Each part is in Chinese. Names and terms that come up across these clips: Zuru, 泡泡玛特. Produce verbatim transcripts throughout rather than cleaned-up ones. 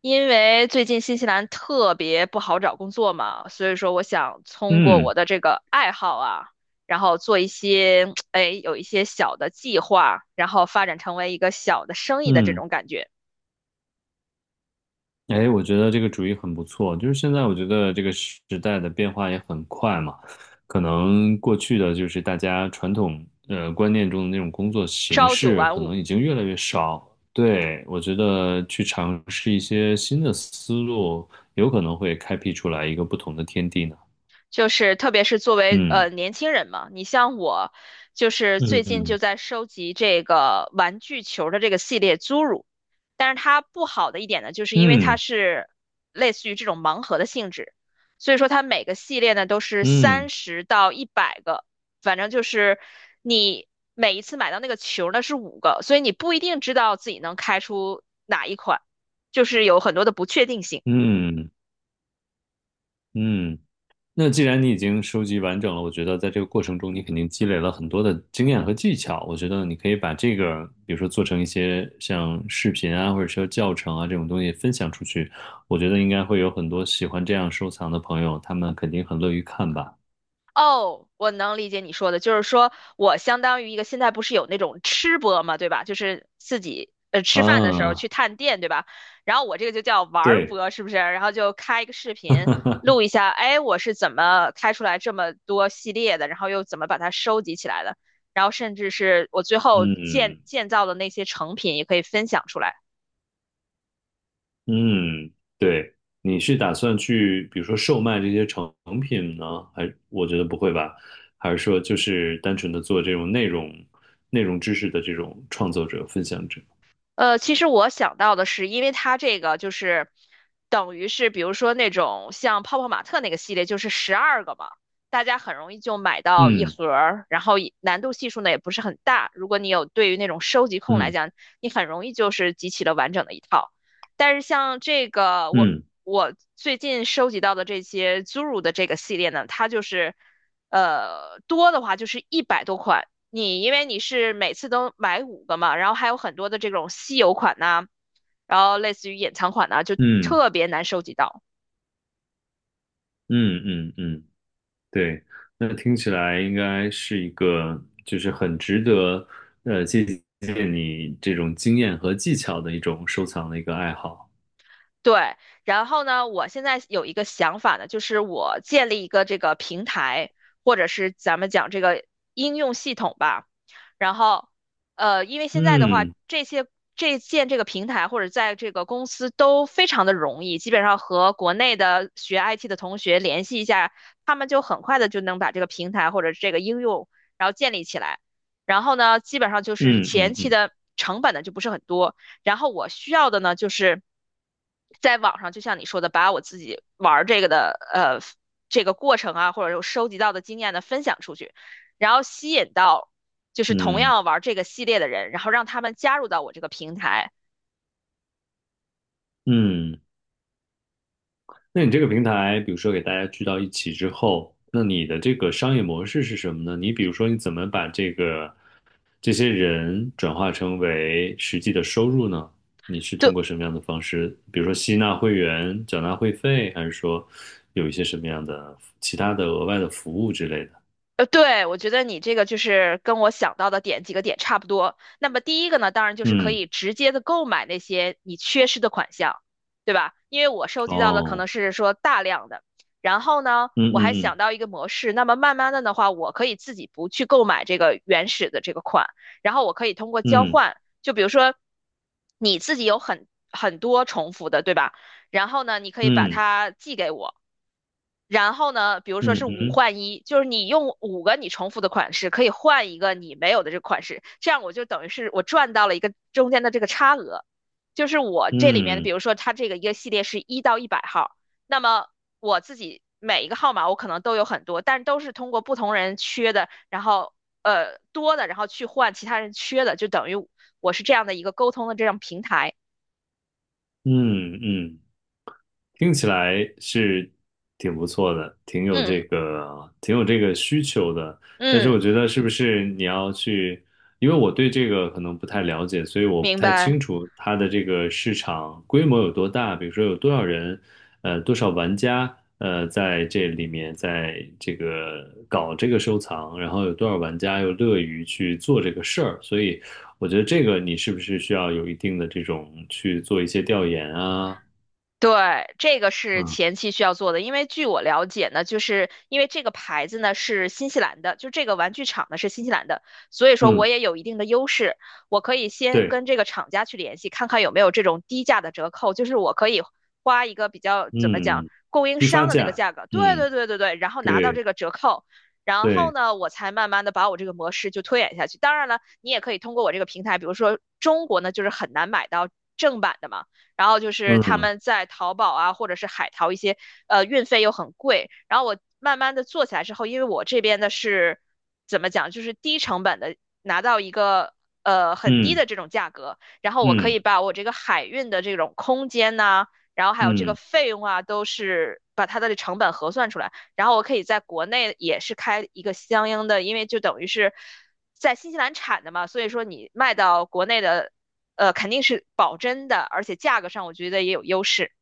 因为最近新西兰特别不好找工作嘛，所以说我想通过嗯我的这个爱好啊，然后做一些，哎，有一些小的计划，然后发展成为一个小的生意的这嗯，种感觉，哎，我觉得这个主意很不错。就是现在，我觉得这个时代的变化也很快嘛，可能过去的就是大家传统呃观念中的那种工作形朝九式，晚可能五，已经越来越少。对，我觉得去尝试一些新的思路，有可能会开辟出来一个不同的天地呢。就是特别是作为嗯呃年轻人嘛，你像我，就是最近就嗯在收集这个玩具球的这个系列 z u 但是它不好的一点呢，就是因为它嗯是类似于这种盲盒的性质，所以说它每个系列呢都是嗯三十到一百个，反正就是你每一次买到那个球呢是五个，所以你不一定知道自己能开出哪一款，就是有很多的不确定性。嗯嗯嗯。那既然你已经收集完整了，我觉得在这个过程中，你肯定积累了很多的经验和技巧。我觉得你可以把这个，比如说做成一些像视频啊，或者说教程啊这种东西分享出去。我觉得应该会有很多喜欢这样收藏的朋友，他们肯定很乐于看吧。哦，我能理解你说的，就是说我相当于一个现在不是有那种吃播嘛，对吧？就是自己呃吃饭的时候去啊，探店，对吧？然后我这个就叫玩儿对，播，是不是？然后就开一个视频录 一下，哎，我是怎么开出来这么多系列的，然后又怎么把它收集起来的，然后甚至是我最后建嗯，建造的那些成品也可以分享出来。嗯，对，你是打算去，比如说售卖这些成品呢？还我觉得不会吧？还是说就是单纯的做这种内容、内容知识的这种创作者、分享者？呃，其实我想到的是，因为它这个就是等于是，比如说那种像泡泡玛特那个系列，就是十二个嘛，大家很容易就买到一嗯盒儿，然后也难度系数呢也不是很大。如果你有对于那种收集控来嗯讲，你很容易就是集齐了完整的一套。但是像这个我嗯我最近收集到的这些 Zuru 的这个系列呢，它就是呃多的话就是一百多款。你因为你是每次都买五个嘛，然后还有很多的这种稀有款呐、然后类似于隐藏款呐、就嗯特别难收集到。嗯嗯嗯，对，那听起来应该是一个就是很值得呃借鉴你这种经验和技巧的一种收藏的一个爱好。对，然后呢，我现在有一个想法呢，就是我建立一个这个平台，或者是咱们讲这个应用系统吧。然后，呃，因为现在的话，嗯这些这建这个平台或者在这个公司都非常的容易，基本上和国内的学 I T 的同学联系一下，他们就很快的就能把这个平台或者这个应用然后建立起来。然后呢，基本上就是嗯前嗯期嗯的成本呢就不是很多。然后我需要的呢，就是在网上，就像你说的，把我自己玩这个的呃这个过程啊，或者说收集到的经验呢分享出去，然后吸引到就是同嗯样玩这个系列的人，然后让他们加入到我这个平台。嗯。那你这个平台，比如说给大家聚到一起之后，那你的这个商业模式是什么呢？你比如说，你怎么把这个这些人转化成为实际的收入呢？你是通对过什么样的方式？比如说吸纳会员、缴纳会费，还是说有一些什么样的其他的额外的服务之类的？呃，对，我觉得你这个就是跟我想到的点几个点差不多。那么第一个呢，当然就是可嗯，以直接的购买那些你缺失的款项，对吧？因为我收集到的可能哦，是说大量的，然后呢，嗯我还想嗯到一个模式，那么慢慢的的话，我可以自己不去购买这个原始的这个款，然后我可以通过交嗯换，就比如说你自己有很很多重复的，对吧？然后呢，你可以把嗯它寄给我。然后呢，比如说嗯是嗯五嗯换一，就是你用五个你重复的款式，可以换一个你没有的这个款式，这样我就等于是我赚到了一个中间的这个差额，就是我这里面的，比嗯如说它这个一个系列是一到一百号，那么我自己每一个号码我可能都有很多，但都是通过不同人缺的，然后呃多的，然后去换其他人缺的，就等于我是这样的一个沟通的这样平台。嗯嗯嗯。听起来是挺不错的，挺有这嗯个，挺有这个需求的。但是嗯，我觉得是不是你要去，因为我对这个可能不太了解，所以我不明太白。清楚它的这个市场规模有多大，比如说有多少人，呃，多少玩家，呃，在这里面，在这个搞这个收藏，然后有多少玩家又乐于去做这个事儿，所以我觉得这个你是不是需要有一定的这种去做一些调研啊？对，这个是嗯。前期需要做的，因为据我了解呢，就是因为这个牌子呢是新西兰的，就这个玩具厂呢是新西兰的，所以说我嗯也有一定的优势，我可以先对，跟这个厂家去联系，看看有没有这种低价的折扣，就是我可以花一个比较怎么讲嗯，供应批商发的那个价，价格，对对嗯，对对对，然后拿到对这个折扣，然后对，呢，我才慢慢的把我这个模式就推演下去。当然了，你也可以通过我这个平台，比如说中国呢就是很难买到正版的嘛。然后就是他嗯们在淘宝啊，或者是海淘一些，呃，运费又很贵。然后我慢慢的做起来之后，因为我这边的是怎么讲，就是低成本的拿到一个呃很低嗯的这种价格，然后我可嗯以把我这个海运的这种空间呐、然后还有这个嗯费用啊，都是把它的成本核算出来，然后我可以在国内也是开一个相应的，因为就等于是在新西兰产的嘛，所以说你卖到国内的呃，肯定是保真的，而且价格上我觉得也有优势。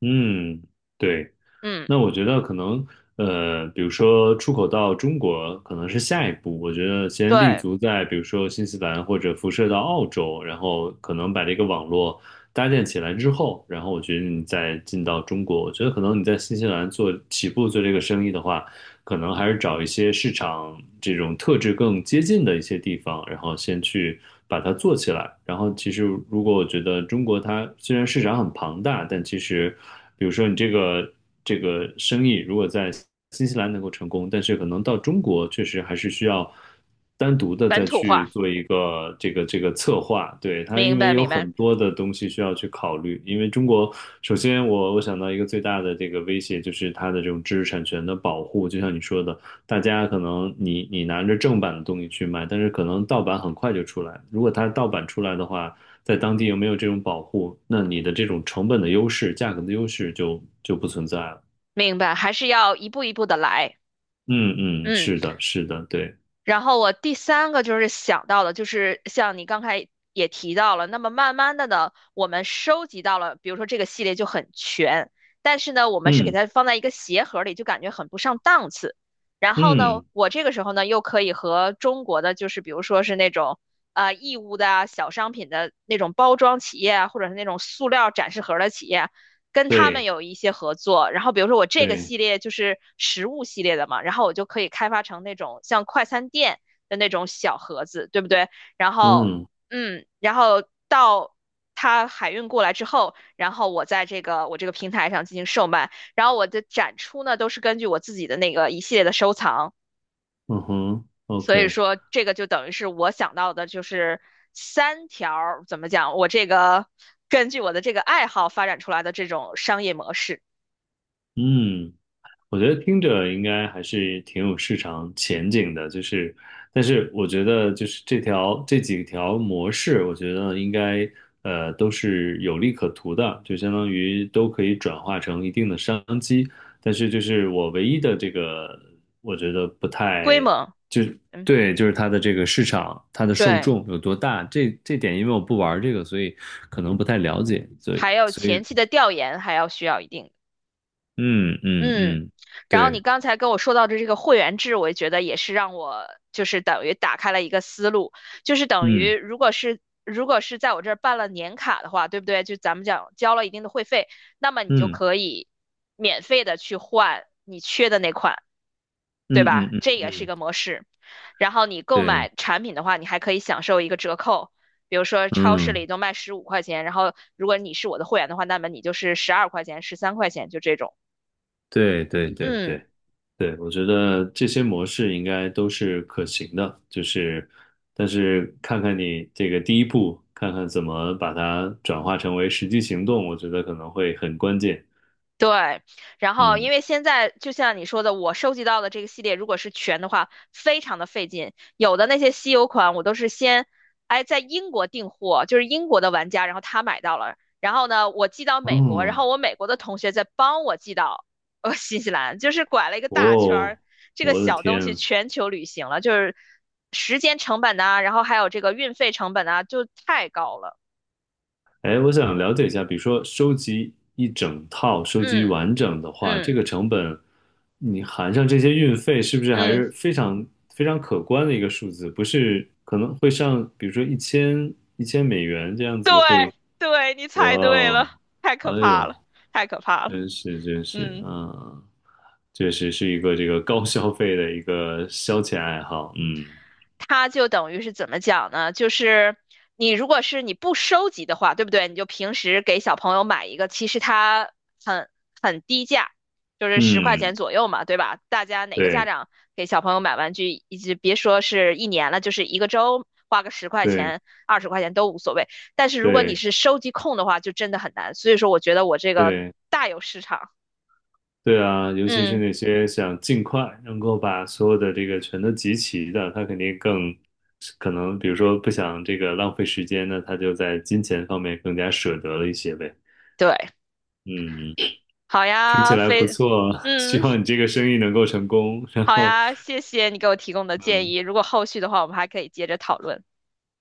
嗯，对。嗯，那我觉得可能，呃，比如说出口到中国可能是下一步，我觉得先立对，足在比如说新西兰或者辐射到澳洲，然后可能把这个网络搭建起来之后，然后我觉得你再进到中国，我觉得可能你在新西兰做起步做这个生意的话。可能还是找一些市场这种特质更接近的一些地方，然后先去把它做起来。然后其实如果我觉得中国它虽然市场很庞大，但其实比如说你这个这个生意如果在新西兰能够成功，但是可能到中国确实还是需要。单独的再本土去化，做一个这个这个策划，对，它明因为白，有明白，很多的东西需要去考虑，因为中国首先我我想到一个最大的这个威胁就是它的这种知识产权的保护，就像你说的，大家可能你你拿着正版的东西去卖，但是可能盗版很快就出来，如果它盗版出来的话，在当地又没有这种保护，那你的这种成本的优势、价格的优势就就不存在了。明白，还是要一步一步的来。嗯嗯，嗯。是的，是的，对，然后我第三个就是想到的，就是像你刚才也提到了，那么慢慢的呢，我们收集到了，比如说这个系列就很全，但是呢，我们是给嗯它放在一个鞋盒里，就感觉很不上档次。然后呢，嗯，我这个时候呢，又可以和中国的，就是比如说是那种啊、义乌的啊小商品的那种包装企业啊，或者是那种塑料展示盒的企业，跟他们对有一些合作，然后比如说我这个对，系列就是食物系列的嘛，然后我就可以开发成那种像快餐店的那种小盒子，对不对？然后，嗯。嗯，然后到它海运过来之后，然后我在这个我这个平台上进行售卖，然后我的展出呢都是根据我自己的那个一系列的收藏，嗯哼所以，O K,说这个就等于是我想到的就是三条，怎么讲，我这个根据我的这个爱好发展出来的这种商业模式。嗯，我觉得听着应该还是挺有市场前景的，就是，但是我觉得就是这条这几条模式，我觉得应该呃都是有利可图的，就相当于都可以转化成一定的商机，但是就是我唯一的这个，我觉得不规太模，嗯，对，就是它的这个市场，它的受对，众有多大，这这点因为我不玩这个，所以可能不太了解，所以。还有前期的调研还要需要一定，嗯嗯嗯，嗯，然后你对，刚才跟我说到的这个会员制，我觉得也是让我就是等于打开了一个思路，就是等于嗯如果是如果是在我这儿办了年卡的话，对不对？就咱们讲交了一定的会费，那么你就嗯可以免费的去换你缺的那款。对嗯嗯吧？嗯这也是一嗯，个模式。然后你购买对，产品的话，你还可以享受一个折扣，比如说超市嗯里都卖十五块钱，然后如果你是我的会员的话，那么你就是十二块钱、十三块钱，就这种。对对对嗯。对对，我觉得这些模式应该都是可行的，就是，但是看看你这个第一步，看看怎么把它转化成为实际行动，我觉得可能会很关键。对，然后因嗯，为现在就像你说的，我收集到的这个系列，如果是全的话，非常的费劲。有的那些稀有款，我都是先，哎，在英国订货，就是英国的玩家，然后他买到了，然后呢，我寄到美国，然哦，后我美国的同学再帮我寄到呃新西兰，就是拐了一个大圈儿，哦，这个我的小东西天，全球旅行了，就是时间成本呐、然后还有这个运费成本啊，就太高了。哎，我想了解一下，比如说收集一整套，收集嗯完整的话，这嗯个成本你含上这些运费，是不是还嗯。是非常非常可观的一个数字？不是可能会上，比如说一千一千美元这样对子会，对，你哇猜对了，哦，太可哎怕呦，了，太可怕了。真是真是，嗯，嗯，确实是一个这个高消费的一个消遣爱好，嗯它就等于是怎么讲呢？就是你如果是你不收集的话，对不对？你就平时给小朋友买一个，其实它很很低价，就是十块钱嗯，左右嘛，对吧？大家哪个家对长给小朋友买玩具，以及别说是一年了，就是一个周花个十块对钱、二十块钱都无所谓。但是如果你对是收集控的话，就真的很难。所以说，我觉得我这个对。大有市场。对啊，尤其是嗯，那些想尽快能够把所有的这个全都集齐的，他肯定更可能，比如说不想这个浪费时间呢，他就在金钱方面更加舍得了一些呗。对。嗯，好听起呀，来不非，错，希嗯，望你这个生意能够成功。然好后，呀，谢谢你给我提供的建嗯，议。如果后续的话，我们还可以接着讨论。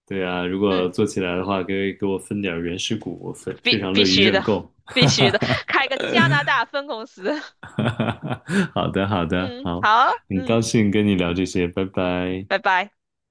对啊，如果嗯，做起来的话，给给我分点儿原始股，我非非必常必乐意须认的，购。必须的，开 个加拿大分公司。哈哈哈哈哈哈！好的，好的，嗯，好，好，很嗯，高兴跟你聊这些，拜拜。拜拜。